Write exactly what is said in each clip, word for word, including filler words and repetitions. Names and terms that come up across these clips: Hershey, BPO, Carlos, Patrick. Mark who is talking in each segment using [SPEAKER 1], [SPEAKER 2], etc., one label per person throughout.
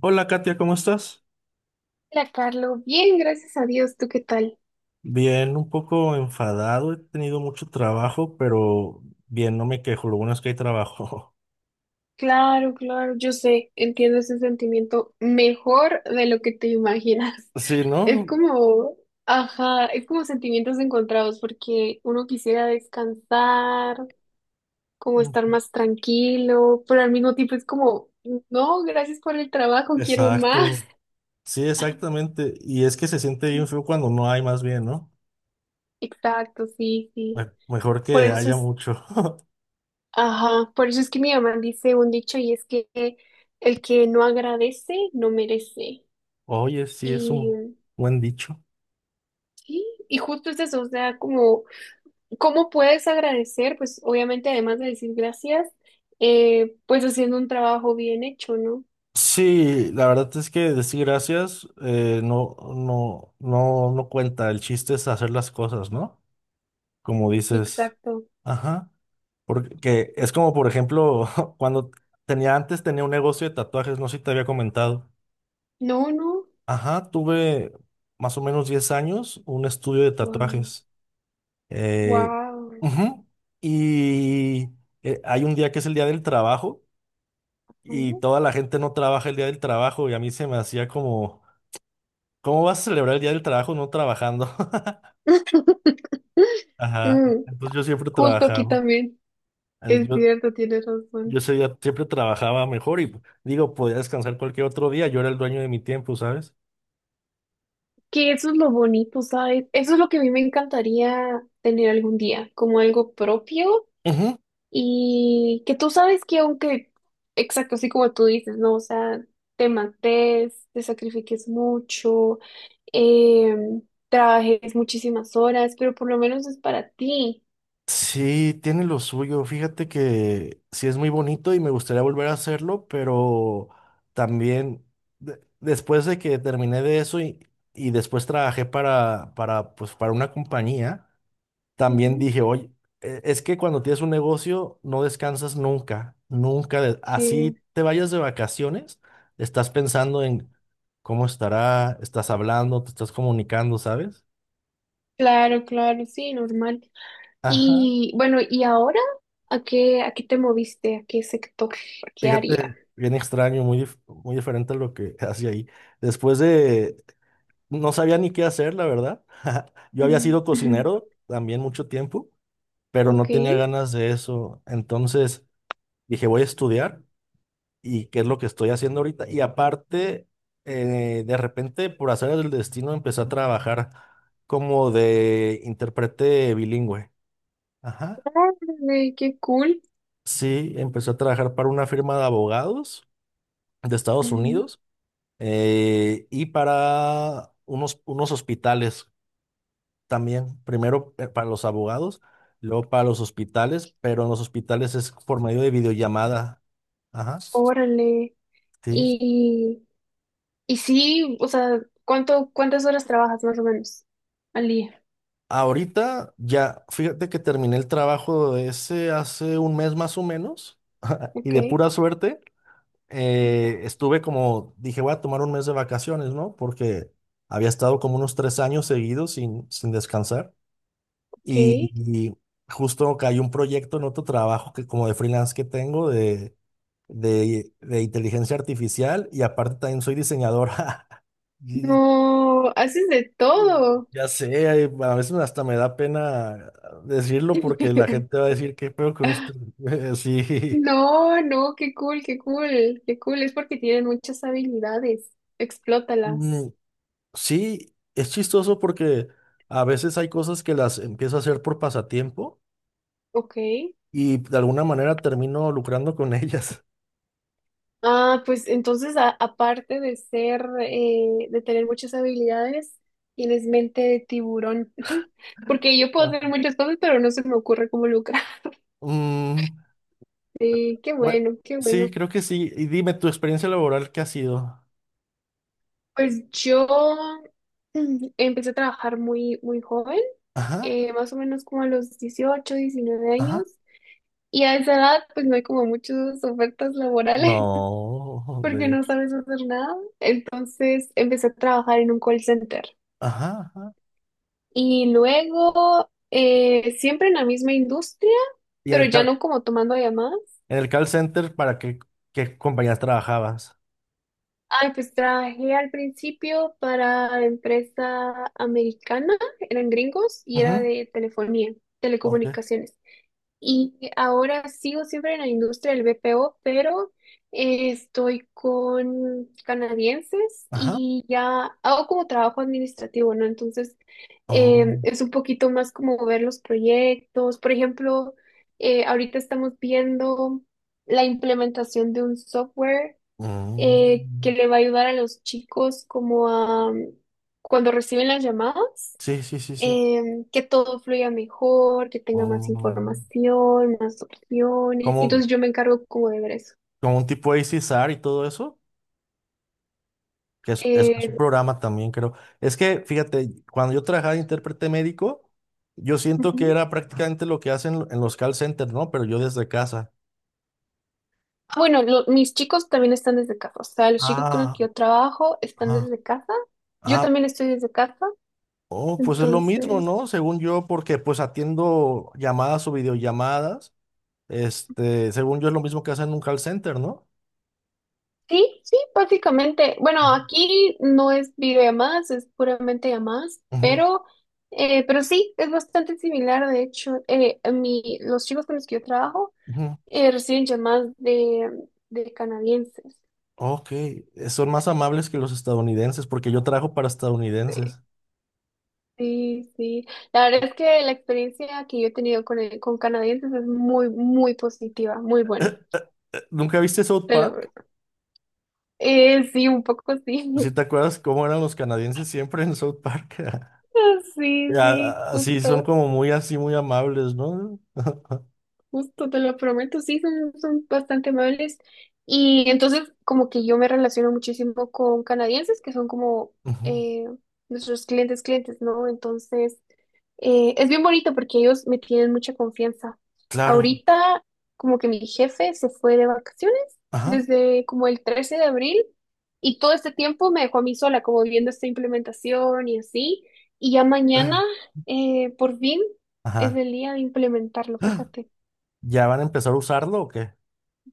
[SPEAKER 1] Hola, Katia, ¿cómo estás?
[SPEAKER 2] Hola, Carlos. Bien, gracias a Dios. ¿Tú qué tal?
[SPEAKER 1] Bien, un poco enfadado, he tenido mucho trabajo, pero bien, no me quejo, lo bueno es que hay trabajo.
[SPEAKER 2] Claro, claro, yo sé, entiendo ese sentimiento mejor de lo que te imaginas.
[SPEAKER 1] Sí,
[SPEAKER 2] Es
[SPEAKER 1] ¿no?
[SPEAKER 2] como, ajá, es como sentimientos encontrados porque uno quisiera descansar, como estar más tranquilo, pero al mismo tiempo es como, no, gracias por el trabajo, quiero más.
[SPEAKER 1] Exacto, sí, exactamente. Y es que se siente bien feo cuando no hay, más bien, ¿no?
[SPEAKER 2] Exacto, sí, sí.
[SPEAKER 1] Me- Mejor
[SPEAKER 2] Por
[SPEAKER 1] que
[SPEAKER 2] eso
[SPEAKER 1] haya
[SPEAKER 2] es,
[SPEAKER 1] mucho.
[SPEAKER 2] ajá, por eso es que mi mamá dice un dicho y es que el que no agradece no merece.
[SPEAKER 1] Oye, sí, es un
[SPEAKER 2] Y,
[SPEAKER 1] buen dicho.
[SPEAKER 2] sí, y justo es eso, o sea, como, ¿cómo puedes agradecer? Pues obviamente, además de decir gracias, eh, pues haciendo un trabajo bien hecho, ¿no?
[SPEAKER 1] Sí, la verdad es que decir gracias eh, no, no, no, no cuenta. El chiste es hacer las cosas, ¿no? Como dices.
[SPEAKER 2] Exacto.
[SPEAKER 1] Ajá. Porque es como, por ejemplo, cuando tenía antes, tenía un negocio de tatuajes, no sé si te había comentado.
[SPEAKER 2] No, no,
[SPEAKER 1] Ajá, tuve más o menos diez años un estudio de
[SPEAKER 2] wow,
[SPEAKER 1] tatuajes. Eh,
[SPEAKER 2] wow.
[SPEAKER 1] ujú. Y eh, hay un día que es el día del trabajo y
[SPEAKER 2] ¿no?
[SPEAKER 1] toda la gente no trabaja el día del trabajo y a mí se me hacía como, ¿cómo vas a celebrar el día del trabajo no trabajando? Ajá,
[SPEAKER 2] Mm,
[SPEAKER 1] entonces yo siempre
[SPEAKER 2] justo aquí
[SPEAKER 1] trabajaba.
[SPEAKER 2] también, es cierto, tienes
[SPEAKER 1] Yo
[SPEAKER 2] razón.
[SPEAKER 1] ese día siempre trabajaba mejor y digo, podía descansar cualquier otro día. Yo era el dueño de mi tiempo, ¿sabes?
[SPEAKER 2] Que eso es lo bonito, ¿sabes? Eso es lo que a mí me encantaría tener algún día, como algo propio.
[SPEAKER 1] Ujú.
[SPEAKER 2] Y que tú sabes que aunque, exacto, así como tú dices, ¿no? O sea, te mates, te sacrifiques mucho, em, trabajes muchísimas horas, pero por lo menos es para ti.
[SPEAKER 1] Sí, tiene lo suyo. Fíjate que sí es muy bonito y me gustaría volver a hacerlo, pero también de- después de que terminé de eso y, y después trabajé para, para, pues, para una compañía. También
[SPEAKER 2] Ujú.
[SPEAKER 1] dije, oye, e- es que cuando tienes un negocio no descansas nunca, nunca. De-
[SPEAKER 2] Sí,
[SPEAKER 1] así te vayas de vacaciones, estás pensando en cómo estará, estás hablando, te estás comunicando, ¿sabes?
[SPEAKER 2] claro, claro, sí, normal.
[SPEAKER 1] Ajá.
[SPEAKER 2] Y bueno, ¿y ahora a qué, a qué te moviste? ¿A qué sector? ¿A qué área?
[SPEAKER 1] Fíjate, bien extraño, muy, dif- muy diferente a lo que hacía ahí. Después de, no sabía ni qué hacer, la verdad. Yo había
[SPEAKER 2] Mm,
[SPEAKER 1] sido
[SPEAKER 2] ujú.
[SPEAKER 1] cocinero también mucho tiempo, pero no
[SPEAKER 2] Ok,
[SPEAKER 1] tenía ganas de eso. Entonces dije, voy a estudiar. Y qué es lo que estoy haciendo ahorita. Y aparte, eh, de repente, por hacer el destino, empecé a trabajar como de intérprete bilingüe. Ajá.
[SPEAKER 2] órale, qué cool.
[SPEAKER 1] Sí, empecé a trabajar para una firma de abogados de Estados
[SPEAKER 2] Mm,
[SPEAKER 1] Unidos eh, y para unos, unos hospitales también. Primero eh, para los abogados, luego para los hospitales, pero en los hospitales es por medio de videollamada. Ajá.
[SPEAKER 2] órale.
[SPEAKER 1] Sí.
[SPEAKER 2] Y Y sí, o sea, ¿cuánto, cuántas horas trabajas más o menos al día?
[SPEAKER 1] Ahorita ya, fíjate que terminé el trabajo de ese hace un mes más o menos y
[SPEAKER 2] Ok,
[SPEAKER 1] de pura suerte eh,
[SPEAKER 2] ujú,
[SPEAKER 1] estuve como, dije, voy a tomar un mes de vacaciones, ¿no? Porque había estado como unos tres años seguidos sin, sin descansar
[SPEAKER 2] ok.
[SPEAKER 1] y, y justo cayó un proyecto en otro trabajo que como de freelance que tengo de, de, de inteligencia artificial y aparte también soy diseñador. Y
[SPEAKER 2] No, haces de todo.
[SPEAKER 1] ya sé, ay, a veces hasta me da pena decirlo porque la gente va a decir, ¿qué peor con esto? Sí.
[SPEAKER 2] No, no, qué cool, qué cool, qué cool. Es porque tienen muchas habilidades.
[SPEAKER 1] Mm,
[SPEAKER 2] Explótalas.
[SPEAKER 1] sí, es chistoso porque a veces hay cosas que las empiezo a hacer por pasatiempo
[SPEAKER 2] Ok,
[SPEAKER 1] y de alguna manera termino lucrando con ellas.
[SPEAKER 2] ah, pues entonces, a- aparte de ser, eh, de tener muchas habilidades, tienes mente de tiburón. Porque yo puedo
[SPEAKER 1] Ah.
[SPEAKER 2] hacer muchas cosas, pero no se me ocurre cómo lucrar.
[SPEAKER 1] Mm,
[SPEAKER 2] Sí, qué
[SPEAKER 1] bue-
[SPEAKER 2] bueno, qué
[SPEAKER 1] sí,
[SPEAKER 2] bueno.
[SPEAKER 1] creo que sí. Y dime, ¿tu experiencia laboral qué ha sido?
[SPEAKER 2] Pues yo mm, empecé a trabajar muy, muy joven,
[SPEAKER 1] Ajá,
[SPEAKER 2] eh, más o menos como a los dieciocho, diecinueve
[SPEAKER 1] ajá.
[SPEAKER 2] años. Y a esa edad, pues no hay como muchas ofertas laborales
[SPEAKER 1] No,
[SPEAKER 2] porque
[SPEAKER 1] de
[SPEAKER 2] no
[SPEAKER 1] hecho.
[SPEAKER 2] sabes hacer nada. Entonces empecé a trabajar en un call center.
[SPEAKER 1] Ajá, ajá.
[SPEAKER 2] Y luego, eh, siempre en la misma industria,
[SPEAKER 1] ¿Y en
[SPEAKER 2] pero
[SPEAKER 1] el
[SPEAKER 2] ya
[SPEAKER 1] call,
[SPEAKER 2] no como tomando llamadas.
[SPEAKER 1] en el call center para qué, qué compañías trabajabas?
[SPEAKER 2] Ay, pues trabajé al principio para empresa americana, eran gringos y era
[SPEAKER 1] Ujú,
[SPEAKER 2] de telefonía,
[SPEAKER 1] ok.
[SPEAKER 2] telecomunicaciones. Y ahora sigo siempre en la industria del B P O, pero eh, estoy con canadienses
[SPEAKER 1] Ajá.
[SPEAKER 2] y ya hago como trabajo administrativo, ¿no? Entonces
[SPEAKER 1] Oh,
[SPEAKER 2] eh, es un poquito más como ver los proyectos. Por ejemplo, eh, ahorita estamos viendo la implementación de un software eh, que
[SPEAKER 1] mm.
[SPEAKER 2] le va a ayudar a los chicos como a mm, cuando reciben las llamadas,
[SPEAKER 1] Sí, sí, sí, sí.
[SPEAKER 2] em, que todo fluya mejor, que tenga más
[SPEAKER 1] Oh.
[SPEAKER 2] información, más opciones.
[SPEAKER 1] Como,
[SPEAKER 2] Entonces yo me encargo como de ver eso.
[SPEAKER 1] como un tipo A C S R y todo eso, que es, es- es un
[SPEAKER 2] Eh,
[SPEAKER 1] programa también, creo. Es que, fíjate, cuando yo trabajaba de intérprete médico, yo siento que
[SPEAKER 2] ujú.
[SPEAKER 1] era prácticamente lo que hacen en los call centers, ¿no? Pero yo desde casa.
[SPEAKER 2] Bueno, lo- mis chicos también están desde casa, o sea, los chicos con los
[SPEAKER 1] Ah,
[SPEAKER 2] que yo trabajo están
[SPEAKER 1] ah.
[SPEAKER 2] desde casa, yo
[SPEAKER 1] Ah,
[SPEAKER 2] también estoy desde casa,
[SPEAKER 1] oh, pues es lo mismo,
[SPEAKER 2] entonces.
[SPEAKER 1] ¿no? Según yo, porque pues atiendo llamadas o videollamadas. Este, según yo es lo mismo que hacen en un call center, ¿no?
[SPEAKER 2] Sí, sí, básicamente. Bueno, aquí no es video videollamadas, es puramente llamadas,
[SPEAKER 1] Ujú.
[SPEAKER 2] pero, eh, pero sí, es bastante similar. De hecho, eh, a mi, los chicos con los que yo trabajo
[SPEAKER 1] Ujú.
[SPEAKER 2] eh, reciben llamadas de, de canadienses.
[SPEAKER 1] Ok, eh, son más amables que los estadounidenses, porque yo trabajo para
[SPEAKER 2] Sí,
[SPEAKER 1] estadounidenses.
[SPEAKER 2] sí, sí. La verdad es que la experiencia que yo he tenido con, el- con canadienses es muy, muy positiva, muy buena.
[SPEAKER 1] Eh, ¿Nunca viste South
[SPEAKER 2] Te lo
[SPEAKER 1] Park?
[SPEAKER 2] prometo. Eh, sí, un poco
[SPEAKER 1] Si
[SPEAKER 2] sí.
[SPEAKER 1] te acuerdas cómo eran los canadienses siempre en South Park?
[SPEAKER 2] Sí,
[SPEAKER 1] A-
[SPEAKER 2] sí,
[SPEAKER 1] a- Así, son
[SPEAKER 2] justo.
[SPEAKER 1] como muy así, muy amables, ¿no?
[SPEAKER 2] Justo, te lo prometo, sí, son, son bastante amables. Y entonces, como que yo me relaciono muchísimo con canadienses, que son como
[SPEAKER 1] Ujú.
[SPEAKER 2] eh, nuestros clientes, clientes, ¿no? Entonces, eh, es bien bonito porque ellos me tienen mucha confianza.
[SPEAKER 1] Claro.
[SPEAKER 2] Ahorita, como que mi jefe se fue de vacaciones
[SPEAKER 1] Ajá.
[SPEAKER 2] desde como el trece de abril y todo este tiempo me dejó a mí sola, como viendo esta implementación y así. Y ya mañana, eh, por fin, es
[SPEAKER 1] Ajá.
[SPEAKER 2] el día de implementarlo, fíjate.
[SPEAKER 1] ¿Ya van a empezar a usarlo o qué?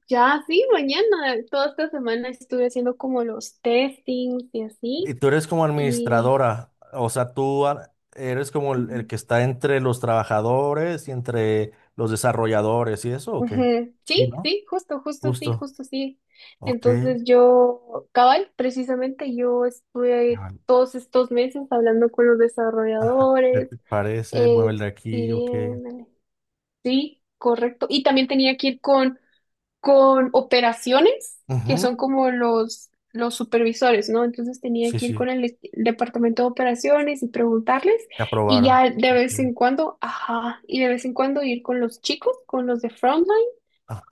[SPEAKER 2] Ya, sí, mañana. Toda esta semana estuve haciendo como los testings y
[SPEAKER 1] Y
[SPEAKER 2] así.
[SPEAKER 1] tú eres como
[SPEAKER 2] Y
[SPEAKER 1] administradora, o sea, tú a- eres como el, el
[SPEAKER 2] ujú,
[SPEAKER 1] que está entre los trabajadores y entre los desarrolladores y eso, o qué?
[SPEAKER 2] ujú,
[SPEAKER 1] Sí,
[SPEAKER 2] sí,
[SPEAKER 1] ¿no?
[SPEAKER 2] sí, justo, justo, sí,
[SPEAKER 1] Justo.
[SPEAKER 2] justo, sí.
[SPEAKER 1] Ok.
[SPEAKER 2] Entonces yo, cabal, precisamente yo estuve
[SPEAKER 1] Ajá.
[SPEAKER 2] todos estos meses hablando con los
[SPEAKER 1] Ajá. ¿Qué
[SPEAKER 2] desarrolladores,
[SPEAKER 1] te parece? Mueve
[SPEAKER 2] eh,
[SPEAKER 1] el de aquí, ok.
[SPEAKER 2] pidiéndole. Sí, correcto. Y también tenía que ir con con operaciones, que son
[SPEAKER 1] Ujú.
[SPEAKER 2] como los, los supervisores, ¿no? Entonces tenía
[SPEAKER 1] Sí,
[SPEAKER 2] que ir
[SPEAKER 1] sí,
[SPEAKER 2] con el e- departamento de operaciones y preguntarles
[SPEAKER 1] te
[SPEAKER 2] y
[SPEAKER 1] aprobaron.
[SPEAKER 2] ya de vez
[SPEAKER 1] Ok.
[SPEAKER 2] en cuando, ajá, y de vez en cuando ir con los chicos, con los de frontline,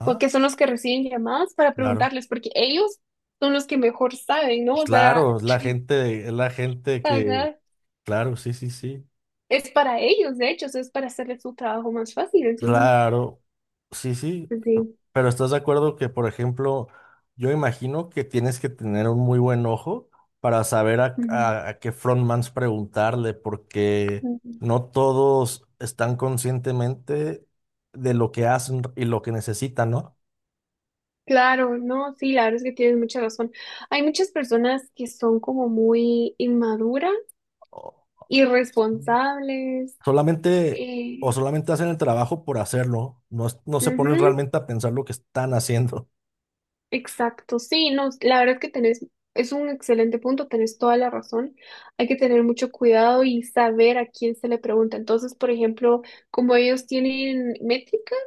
[SPEAKER 2] co- que son los que reciben llamadas para
[SPEAKER 1] claro.
[SPEAKER 2] preguntarles, porque ellos son los que mejor saben, ¿no?
[SPEAKER 1] Pues
[SPEAKER 2] O sea,
[SPEAKER 1] claro, es la gente, es la gente que,
[SPEAKER 2] ajá,
[SPEAKER 1] claro, sí, sí, sí.
[SPEAKER 2] es para ellos, de hecho, o sea, es para hacerles su trabajo más fácil, entonces,
[SPEAKER 1] Claro, sí, sí.
[SPEAKER 2] pues, sí.
[SPEAKER 1] Pero estás de acuerdo que, por ejemplo, yo imagino que tienes que tener un muy buen ojo para saber a,
[SPEAKER 2] Ujú.
[SPEAKER 1] a- a qué frontmans preguntarle, porque
[SPEAKER 2] Ujú.
[SPEAKER 1] no todos están conscientemente de lo que hacen y lo que necesitan, ¿no?
[SPEAKER 2] Claro, no, sí, la verdad es que tienes mucha razón. Hay muchas personas que son como muy inmaduras, irresponsables,
[SPEAKER 1] Solamente,
[SPEAKER 2] eh,
[SPEAKER 1] o solamente hacen el trabajo por hacerlo, no, es- no se ponen
[SPEAKER 2] ujú,
[SPEAKER 1] realmente a pensar lo que están haciendo.
[SPEAKER 2] exacto, sí, no, la verdad es que tenés, es un excelente punto, tenés toda la razón. Hay que tener mucho cuidado y saber a quién se le pregunta. Entonces, por ejemplo, como ellos tienen métricas,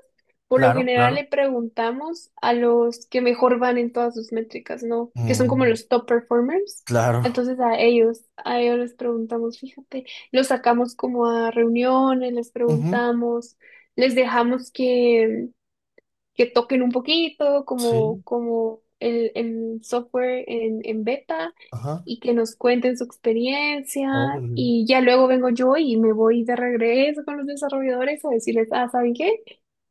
[SPEAKER 2] por lo
[SPEAKER 1] Claro,
[SPEAKER 2] general le
[SPEAKER 1] claro.
[SPEAKER 2] preguntamos a los que mejor van en todas sus métricas, ¿no? Que son como
[SPEAKER 1] Mm,
[SPEAKER 2] los top performers.
[SPEAKER 1] claro.
[SPEAKER 2] Entonces a ellos, a ellos les preguntamos, fíjate, los sacamos como a reuniones, les
[SPEAKER 1] Ujú.
[SPEAKER 2] preguntamos, les dejamos que que toquen un poquito, como,
[SPEAKER 1] Sí,
[SPEAKER 2] como el, el software en, en beta,
[SPEAKER 1] ajá.
[SPEAKER 2] y que nos cuenten su experiencia.
[SPEAKER 1] Órale.
[SPEAKER 2] Y ya luego vengo yo y me voy de regreso con los desarrolladores a decirles, ah, ¿saben qué?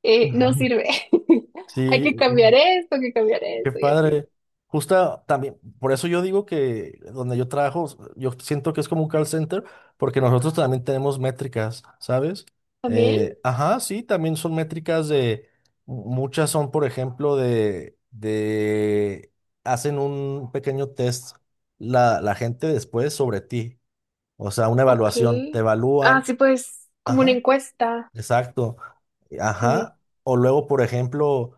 [SPEAKER 2] Eh, no sirve. Hay
[SPEAKER 1] Sí.
[SPEAKER 2] que cambiar esto, hay que cambiar
[SPEAKER 1] Qué
[SPEAKER 2] eso y así.
[SPEAKER 1] padre. Justa también, por eso yo digo que donde yo trabajo, yo siento que es como un call center, porque nosotros también tenemos métricas, ¿sabes?
[SPEAKER 2] También,
[SPEAKER 1] Eh, ajá, sí, también son métricas de, muchas son, por ejemplo, de, de, hacen un pequeño test la, la gente después sobre ti, o sea, una
[SPEAKER 2] ok.
[SPEAKER 1] evaluación, te
[SPEAKER 2] Ah,
[SPEAKER 1] evalúan,
[SPEAKER 2] sí, pues, como una
[SPEAKER 1] ajá.
[SPEAKER 2] encuesta.
[SPEAKER 1] Exacto.
[SPEAKER 2] Sí.
[SPEAKER 1] Ajá. O luego, por ejemplo,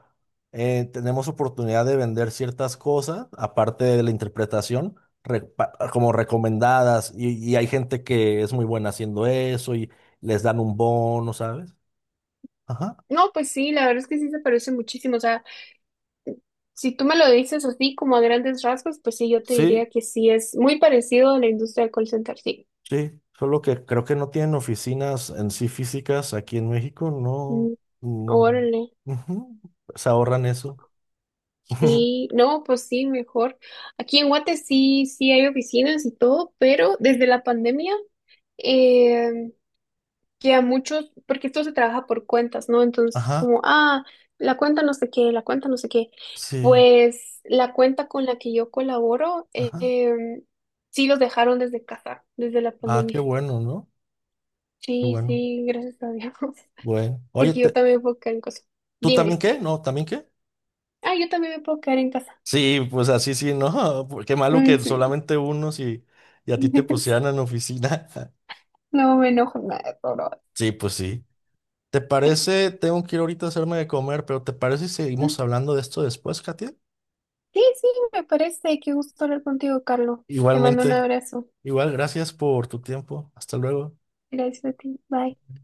[SPEAKER 1] eh, tenemos oportunidad de vender ciertas cosas, aparte de la interpretación, repa- como recomendadas, y, y hay gente que es muy buena haciendo eso y les dan un bono, ¿sabes? Ajá.
[SPEAKER 2] No, pues sí, la verdad es que sí se parece muchísimo. O sea, si tú me lo dices así, como a grandes rasgos, pues sí, yo te
[SPEAKER 1] Sí,
[SPEAKER 2] diría que sí, es muy parecido a la industria del call center, sí.
[SPEAKER 1] sí. Solo que creo que no tienen oficinas en sí físicas aquí en México, no.
[SPEAKER 2] Mm,
[SPEAKER 1] Mm,
[SPEAKER 2] órale,
[SPEAKER 1] ujú. Se ahorran eso.
[SPEAKER 2] sí, no, pues sí, mejor. Aquí en Guate sí, sí hay oficinas y todo, pero desde la pandemia, eh, que a muchos, porque esto se trabaja por cuentas, ¿no? Entonces,
[SPEAKER 1] Ajá.
[SPEAKER 2] como, ah, la cuenta no sé qué, la cuenta no sé qué.
[SPEAKER 1] Sí.
[SPEAKER 2] Pues la cuenta con la que yo colaboro, eh,
[SPEAKER 1] Ajá.
[SPEAKER 2] em, sí los dejaron desde casa, desde la
[SPEAKER 1] Ah, qué
[SPEAKER 2] pandemia.
[SPEAKER 1] bueno, ¿no? Qué
[SPEAKER 2] Sí,
[SPEAKER 1] bueno.
[SPEAKER 2] sí, gracias a Dios.
[SPEAKER 1] Bueno, oye,
[SPEAKER 2] Porque yo
[SPEAKER 1] te-
[SPEAKER 2] también me puedo quedar en casa.
[SPEAKER 1] ¿tú también
[SPEAKER 2] Dime.
[SPEAKER 1] qué? ¿No? ¿También qué?
[SPEAKER 2] Ah, yo también me puedo quedar en casa.
[SPEAKER 1] Sí, pues así sí, ¿no? Qué malo
[SPEAKER 2] Mm,
[SPEAKER 1] que
[SPEAKER 2] sí.
[SPEAKER 1] solamente unos y, y a ti te pusieran en oficina.
[SPEAKER 2] No me enojo nada, por ahora.
[SPEAKER 1] Sí, pues sí. ¿Te parece? Tengo que ir ahorita a hacerme de comer, pero ¿te parece si seguimos hablando de esto después, Katia?
[SPEAKER 2] Sí, sí, me parece. Qué gusto hablar contigo, Carlos. Te mando un
[SPEAKER 1] Igualmente.
[SPEAKER 2] abrazo.
[SPEAKER 1] Igual, gracias por tu tiempo. Hasta luego.
[SPEAKER 2] Gracias a ti. Bye.